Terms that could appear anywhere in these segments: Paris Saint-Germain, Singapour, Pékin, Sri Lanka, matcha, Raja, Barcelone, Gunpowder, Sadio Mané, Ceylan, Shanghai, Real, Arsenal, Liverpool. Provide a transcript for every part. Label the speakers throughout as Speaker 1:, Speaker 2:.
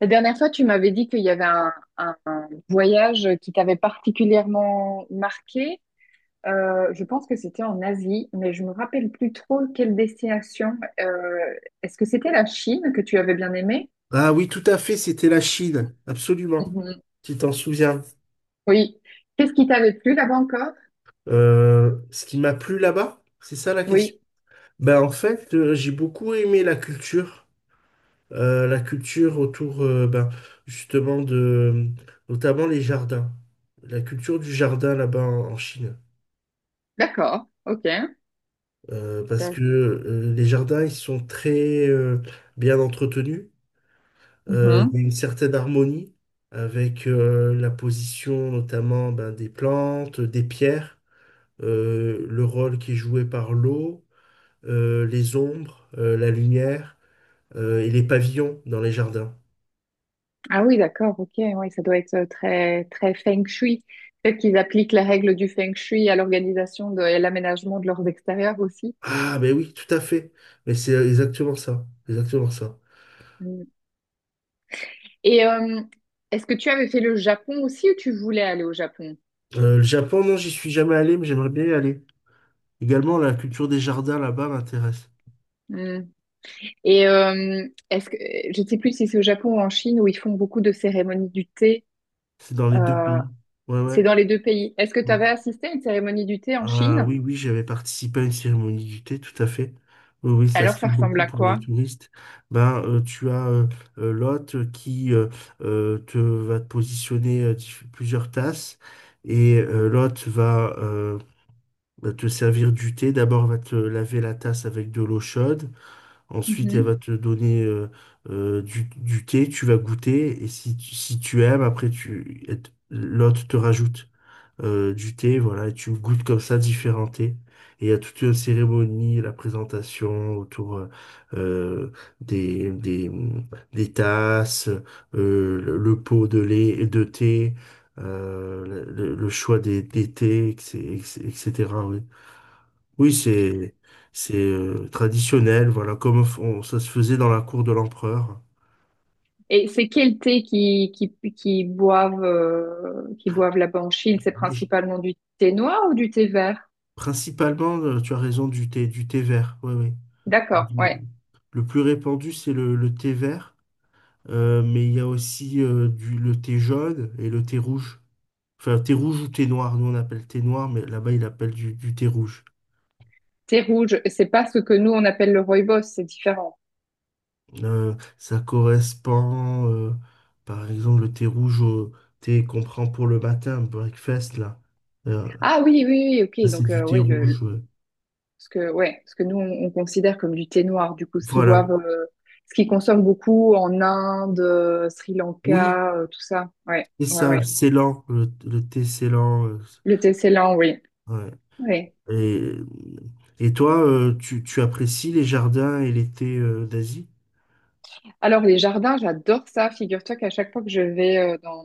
Speaker 1: La dernière fois, tu m'avais dit qu'il y avait un voyage qui t'avait particulièrement marqué. Je pense que c'était en Asie, mais je me rappelle plus trop quelle destination. Euh, Est-ce que c'était la Chine que tu avais bien aimé?
Speaker 2: Ah oui, tout à fait, c'était la Chine, absolument.
Speaker 1: Mhm.
Speaker 2: Tu t'en souviens.
Speaker 1: Oui. Qu'est-ce qui t'avait plu là-bas encore?
Speaker 2: Ce qui m'a plu là-bas, c'est ça la question.
Speaker 1: Oui.
Speaker 2: Ben, en fait, j'ai beaucoup aimé la culture autour, ben, justement, de, notamment les jardins. La culture du jardin là-bas en Chine.
Speaker 1: D'accord. Ok.
Speaker 2: Parce
Speaker 1: Ça-
Speaker 2: que les jardins, ils sont très bien entretenus. Il y a
Speaker 1: Mhm.
Speaker 2: une certaine harmonie avec la position notamment ben, des plantes, des pierres. Le rôle qui est joué par l'eau, les ombres, la lumière et les pavillons dans les jardins.
Speaker 1: Ah oui, d'accord. Ok. Oui, ça doit être très très feng shui. Peut-être qu'ils appliquent les règles du feng shui à l'organisation de- et à l'aménagement de leurs extérieurs aussi.
Speaker 2: Ah, mais oui, tout à fait. Mais c'est exactement ça, exactement ça.
Speaker 1: Et est-ce que tu avais fait le Japon aussi ou tu voulais aller au Japon?
Speaker 2: Le Japon, non, j'y suis jamais allé, mais j'aimerais bien y aller. Également, la culture des jardins là-bas m'intéresse.
Speaker 1: Hmm. Et est-ce que je ne sais plus si c'est au Japon ou en Chine où ils font beaucoup de cérémonies du thé.
Speaker 2: C'est dans les deux
Speaker 1: euh,
Speaker 2: pays. Ouais,
Speaker 1: c'est dans les deux pays. Est-ce que tu avais
Speaker 2: ouais.
Speaker 1: assisté à une cérémonie du thé en
Speaker 2: Ah
Speaker 1: Chine?
Speaker 2: oui, oui, j'avais participé à une cérémonie du thé, tout à fait. Oui, oui, ça
Speaker 1: Alors
Speaker 2: se fait
Speaker 1: ça ressemble
Speaker 2: beaucoup
Speaker 1: à
Speaker 2: pour les
Speaker 1: quoi?
Speaker 2: touristes. Ben, tu as l'hôte qui te va te positionner plusieurs tasses et l'hôte va te servir du thé. D'abord, elle va te laver la tasse avec de l'eau chaude. Ensuite, elle
Speaker 1: Mhm.
Speaker 2: va te donner du thé. Tu vas goûter et si tu aimes, après, l'hôte te rajoute du thé, voilà, et tu goûtes comme ça différents thés. Et il y a toute une cérémonie, la présentation autour euh, des, des, des tasses, le pot de lait de thé, le choix des thés, etc. etc., oui, oui c'est traditionnel, voilà, comme ça se faisait dans la cour de l'empereur.
Speaker 1: Et c'est quel thé qui boivent, qui boivent là-bas en Chine? C'est
Speaker 2: Mais j-
Speaker 1: principalement du thé noir ou du thé vert?
Speaker 2: Principalement, tu as raison, du thé vert. Oui, oui.
Speaker 1: D'accord,
Speaker 2: du-
Speaker 1: ouais.
Speaker 2: Le plus répandu, c'est le thé vert, mais il y a aussi le thé jaune et le thé rouge. Enfin, thé rouge ou thé noir, nous on appelle thé noir, mais là-bas ils appellent du thé rouge.
Speaker 1: Thé rouge, c'est pas ce que nous on appelle le rooibos, c'est différent.
Speaker 2: Ça correspond, par exemple, le thé rouge au thé qu'on prend pour le matin, breakfast, là. Euh,
Speaker 1: Ah oui, oui, oui,
Speaker 2: ça,
Speaker 1: ok.
Speaker 2: c'est
Speaker 1: Donc
Speaker 2: du thé
Speaker 1: oui,
Speaker 2: rouge. Ouais.
Speaker 1: ce que, ouais, ce que nous, on considère comme du thé noir, du coup, ce qu'ils
Speaker 2: Voilà.
Speaker 1: boivent, ce qu'ils consomment beaucoup en Inde, Sri
Speaker 2: Oui,
Speaker 1: Lanka, tout ça. Ouais,
Speaker 2: c'est
Speaker 1: ouais,
Speaker 2: ça, le
Speaker 1: ouais.
Speaker 2: Ceylan, le thé Ceylan. euh,
Speaker 1: Le thé Ceylan, oui.
Speaker 2: ouais.
Speaker 1: Oui.
Speaker 2: Et, et toi, tu apprécies les jardins et l'été d'Asie?
Speaker 1: Alors, les jardins, j'adore ça. Figure-toi qu'à chaque fois que je vais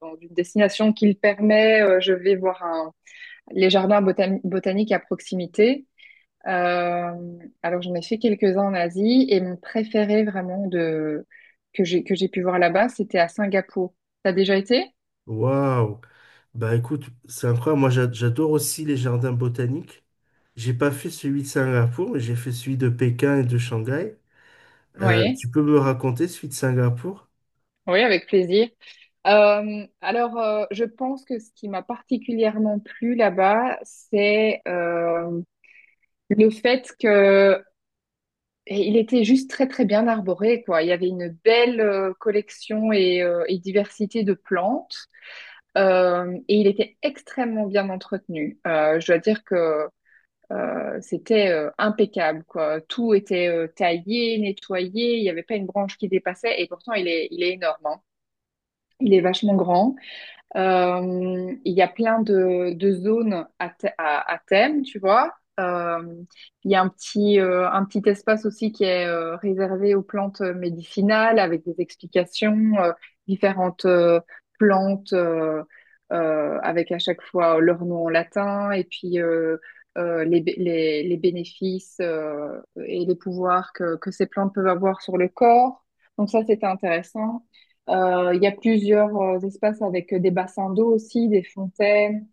Speaker 1: dans une destination qui le permet, je vais voir les jardins botaniques à proximité. Euh, alors, j'en ai fait quelques-uns en Asie et mon préféré vraiment que que j'ai pu voir là-bas, c'était à Singapour. T'as déjà été?
Speaker 2: Waouh! Bah écoute, c'est incroyable. Moi, j'adore aussi les jardins botaniques. J'ai pas fait celui de Singapour, mais j'ai fait celui de Pékin et de Shanghai.
Speaker 1: Oui,
Speaker 2: Tu peux me raconter celui de Singapour?
Speaker 1: oui, avec plaisir. Je pense que ce qui m'a particulièrement plu là-bas, c'est le fait que et il était juste très très bien arboré, quoi. Il y avait une belle collection et diversité de plantes, et il était extrêmement bien entretenu. Je dois dire que c'était impeccable, quoi. Tout était taillé, nettoyé. Il n'y avait pas une branche qui dépassait, et pourtant il est énorme, hein. Il est vachement grand. Il y a plein de zones à thème, tu vois. Euh, il y a un petit espace aussi qui est réservé aux plantes médicinales avec des explications, euh, différentes plantes avec à chaque fois leur nom en latin et puis les, les bénéfices et les pouvoirs que ces plantes peuvent avoir sur le corps. Donc ça, c'était intéressant. Il y a plusieurs espaces avec des bassins d'eau aussi, des fontaines.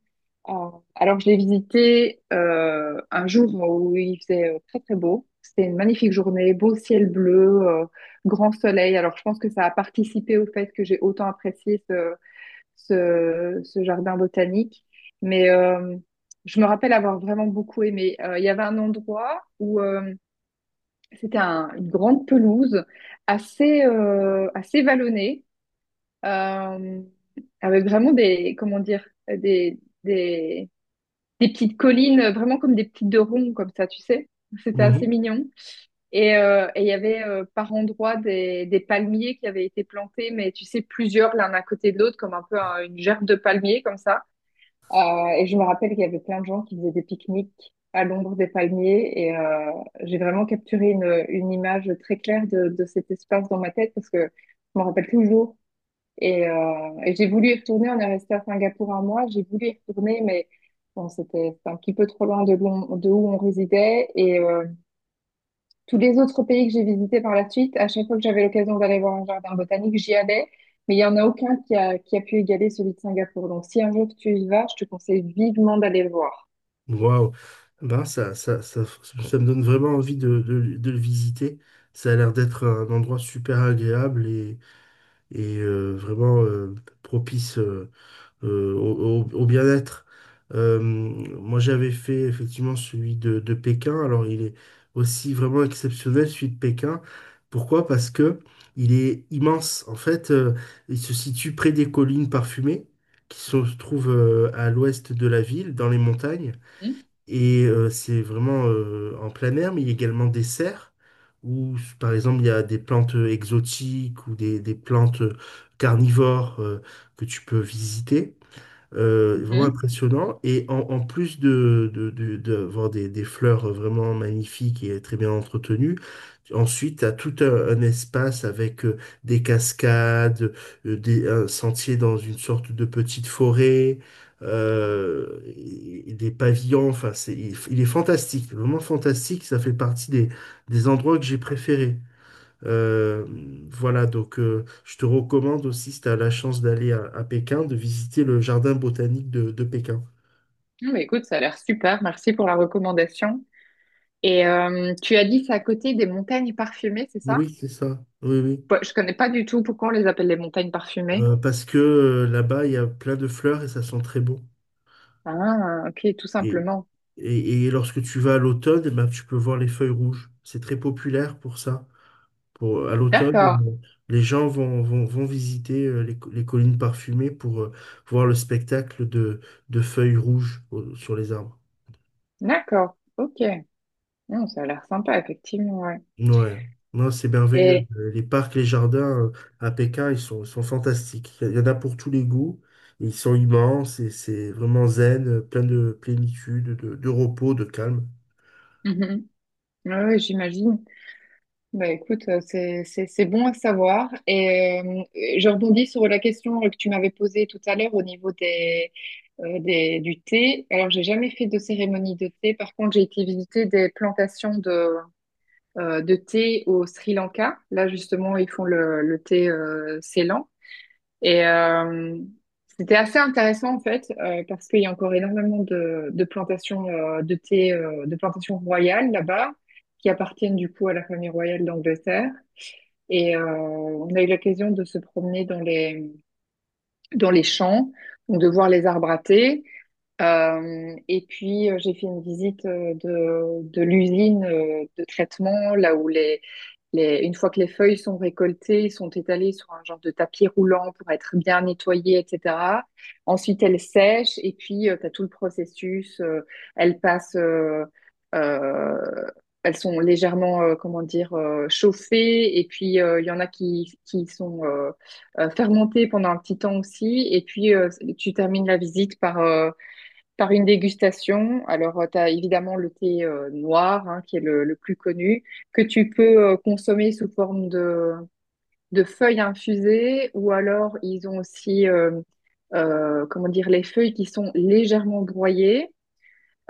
Speaker 1: Euh, alors, je l'ai visité un jour où il faisait très très beau. C'était une magnifique journée, beau ciel bleu, grand soleil. Alors, je pense que ça a participé au fait que j'ai autant apprécié ce jardin botanique. Mais je me rappelle avoir vraiment beaucoup aimé. Il y avait un endroit où c'était une grande pelouse assez, assez vallonnée euh, avec vraiment des, comment dire, des, des petites collines, vraiment comme des petites de ronds, comme ça, tu sais. C'était assez
Speaker 2: Mhm.
Speaker 1: mignon. Et il y avait par endroits des palmiers qui avaient été plantés, mais tu sais, plusieurs l'un à côté de l'autre, comme un peu une gerbe de palmiers, comme ça. Et je me rappelle qu'il y avait plein de gens qui faisaient des pique-niques à l'ombre des palmiers. Et j'ai vraiment capturé une image très claire de cet espace dans ma tête parce que je me rappelle toujours et j'ai voulu y retourner. On est resté à Singapour un mois. J'ai voulu y retourner, mais bon, c'était un petit peu trop loin de de où on résidait. Et tous les autres pays que j'ai visités par la suite, à chaque fois que j'avais l'occasion d'aller voir un jardin botanique, j'y allais. Mais il y en a aucun qui a pu égaler celui de Singapour. Donc, si un jour tu y vas, je te conseille vivement d'aller le voir.
Speaker 2: Waouh! Ben, ça me donne vraiment envie de le visiter. Ça a l'air d'être un endroit super agréable et vraiment propice. Au bien-être. Moi, j'avais fait effectivement celui de Pékin. Alors, il est aussi vraiment exceptionnel, celui de Pékin. Pourquoi? Parce que il est immense. En fait, il se situe près des collines parfumées qui se trouvent à l'ouest de la ville, dans les montagnes.
Speaker 1: Mhm,
Speaker 2: Et c'est vraiment en plein air, mais il y a également des serres où, par exemple, il y a des plantes exotiques ou des plantes carnivores que tu peux visiter. Vraiment
Speaker 1: mhm.
Speaker 2: impressionnant. Et en plus d'avoir des fleurs vraiment magnifiques et très bien entretenues, ensuite, tu as tout un espace avec des cascades, un sentier dans une sorte de petite forêt, et des pavillons. Enfin, il est fantastique, vraiment fantastique. Ça fait partie des endroits que j'ai préférés. Euh, voilà, donc je te recommande aussi, si tu as la chance d'aller à Pékin, de visiter le jardin botanique de Pékin.
Speaker 1: Ah, bah, écoute, ça a l'air super. Merci pour la recommandation. Et tu as dit c'est à côté des montagnes parfumées, c'est ça?
Speaker 2: Oui, c'est ça. Oui, oui.
Speaker 1: Bah, je connais pas du tout pourquoi on les appelle les montagnes parfumées.
Speaker 2: Parce que là-bas, il y a plein de fleurs et ça sent très bon.
Speaker 1: Ah, ok, tout
Speaker 2: Et,
Speaker 1: simplement.
Speaker 2: et lorsque tu vas à l'automne, eh ben, tu peux voir les feuilles rouges. C'est très populaire pour ça. À l'automne,
Speaker 1: D'accord,
Speaker 2: les gens vont visiter les collines parfumées pour voir le spectacle de feuilles rouges sur les arbres.
Speaker 1: d'accord, ok. Non, ça a l'air sympa, effectivement, ouais.
Speaker 2: Ouais, non, c'est merveilleux.
Speaker 1: Et,
Speaker 2: Les parcs, les jardins à Pékin, ils sont fantastiques. Il y en a pour tous les goûts. Ils sont immenses et c'est vraiment zen, plein de plénitude, de repos, de calme.
Speaker 1: mhm, ouais, ouais, j'imagine. Bah écoute, c'est bon à savoir. Et je rebondis sur la question que tu m'avais posée tout à l'heure au niveau des, du thé. Alors, j'ai jamais fait de cérémonie de thé. Par contre, j'ai été visiter des plantations de thé au Sri Lanka. Là, justement, ils font le thé Ceylan. Et c'était assez intéressant en fait, parce qu'il y a encore énormément de plantations de thé, de plantations royales là-bas, qui appartiennent du coup à la famille royale d'Angleterre. Et on a eu l'occasion de se promener dans dans les champs, donc de voir les arbres à thé. Et puis j'ai fait une visite de l'usine de traitement, là où une fois que les feuilles sont récoltées, sont étalées sur un genre de tapis roulant pour être bien nettoyées, etc. Ensuite, elles sèchent et puis tu as tout le processus. Elles passent, euh, elles sont légèrement, comment dire, chauffées et puis il y en a qui sont fermentées pendant un petit temps aussi. Et puis tu termines la visite par une dégustation, alors tu as évidemment le thé noir hein, qui est le plus connu, que tu peux consommer sous forme de feuilles infusées ou alors ils ont aussi comment dire, les feuilles qui sont légèrement broyées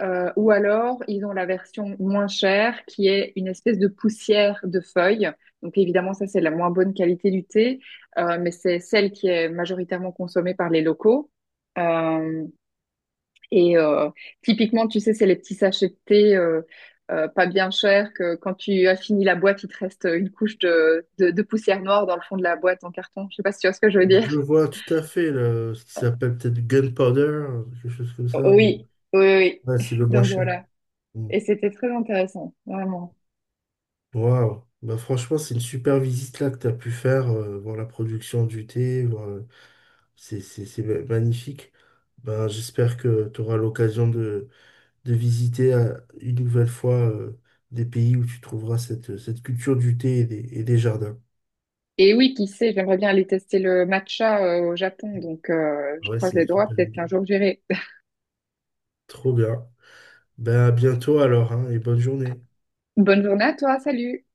Speaker 1: ou alors ils ont la version moins chère qui est une espèce de poussière de feuilles. Donc évidemment ça c'est la moins bonne qualité du thé, mais c'est celle qui est majoritairement consommée par les locaux. Euh, et typiquement, tu sais, c'est les petits sachets de thé pas bien chers que quand tu as fini la boîte, il te reste une couche de poussière noire dans le fond de la boîte en carton. Je sais pas si tu vois ce que je veux dire.
Speaker 2: Je vois tout à fait là, ce qui s'appelle peut-être Gunpowder, quelque chose comme ça.
Speaker 1: Oui, oui, oui.
Speaker 2: Ouais, c'est le moins
Speaker 1: Donc
Speaker 2: cher.
Speaker 1: voilà.
Speaker 2: Mm.
Speaker 1: Et c'était très intéressant, vraiment.
Speaker 2: Waouh. Bah, franchement, c'est une super visite là que tu as pu faire, voir la production du thé, c'est magnifique. Ben, j'espère que tu auras l'occasion de visiter une nouvelle fois des pays où tu trouveras cette culture du thé et des jardins.
Speaker 1: Et oui, qui sait, j'aimerais bien aller tester le matcha au Japon. Donc, je
Speaker 2: Ouais,
Speaker 1: croise
Speaker 2: c'est une
Speaker 1: les doigts,
Speaker 2: super
Speaker 1: peut-être
Speaker 2: idée.
Speaker 1: qu'un jour j'irai.
Speaker 2: Trop bien. Ben, à bientôt alors, hein, et bonne journée.
Speaker 1: Bonne journée à toi, salut!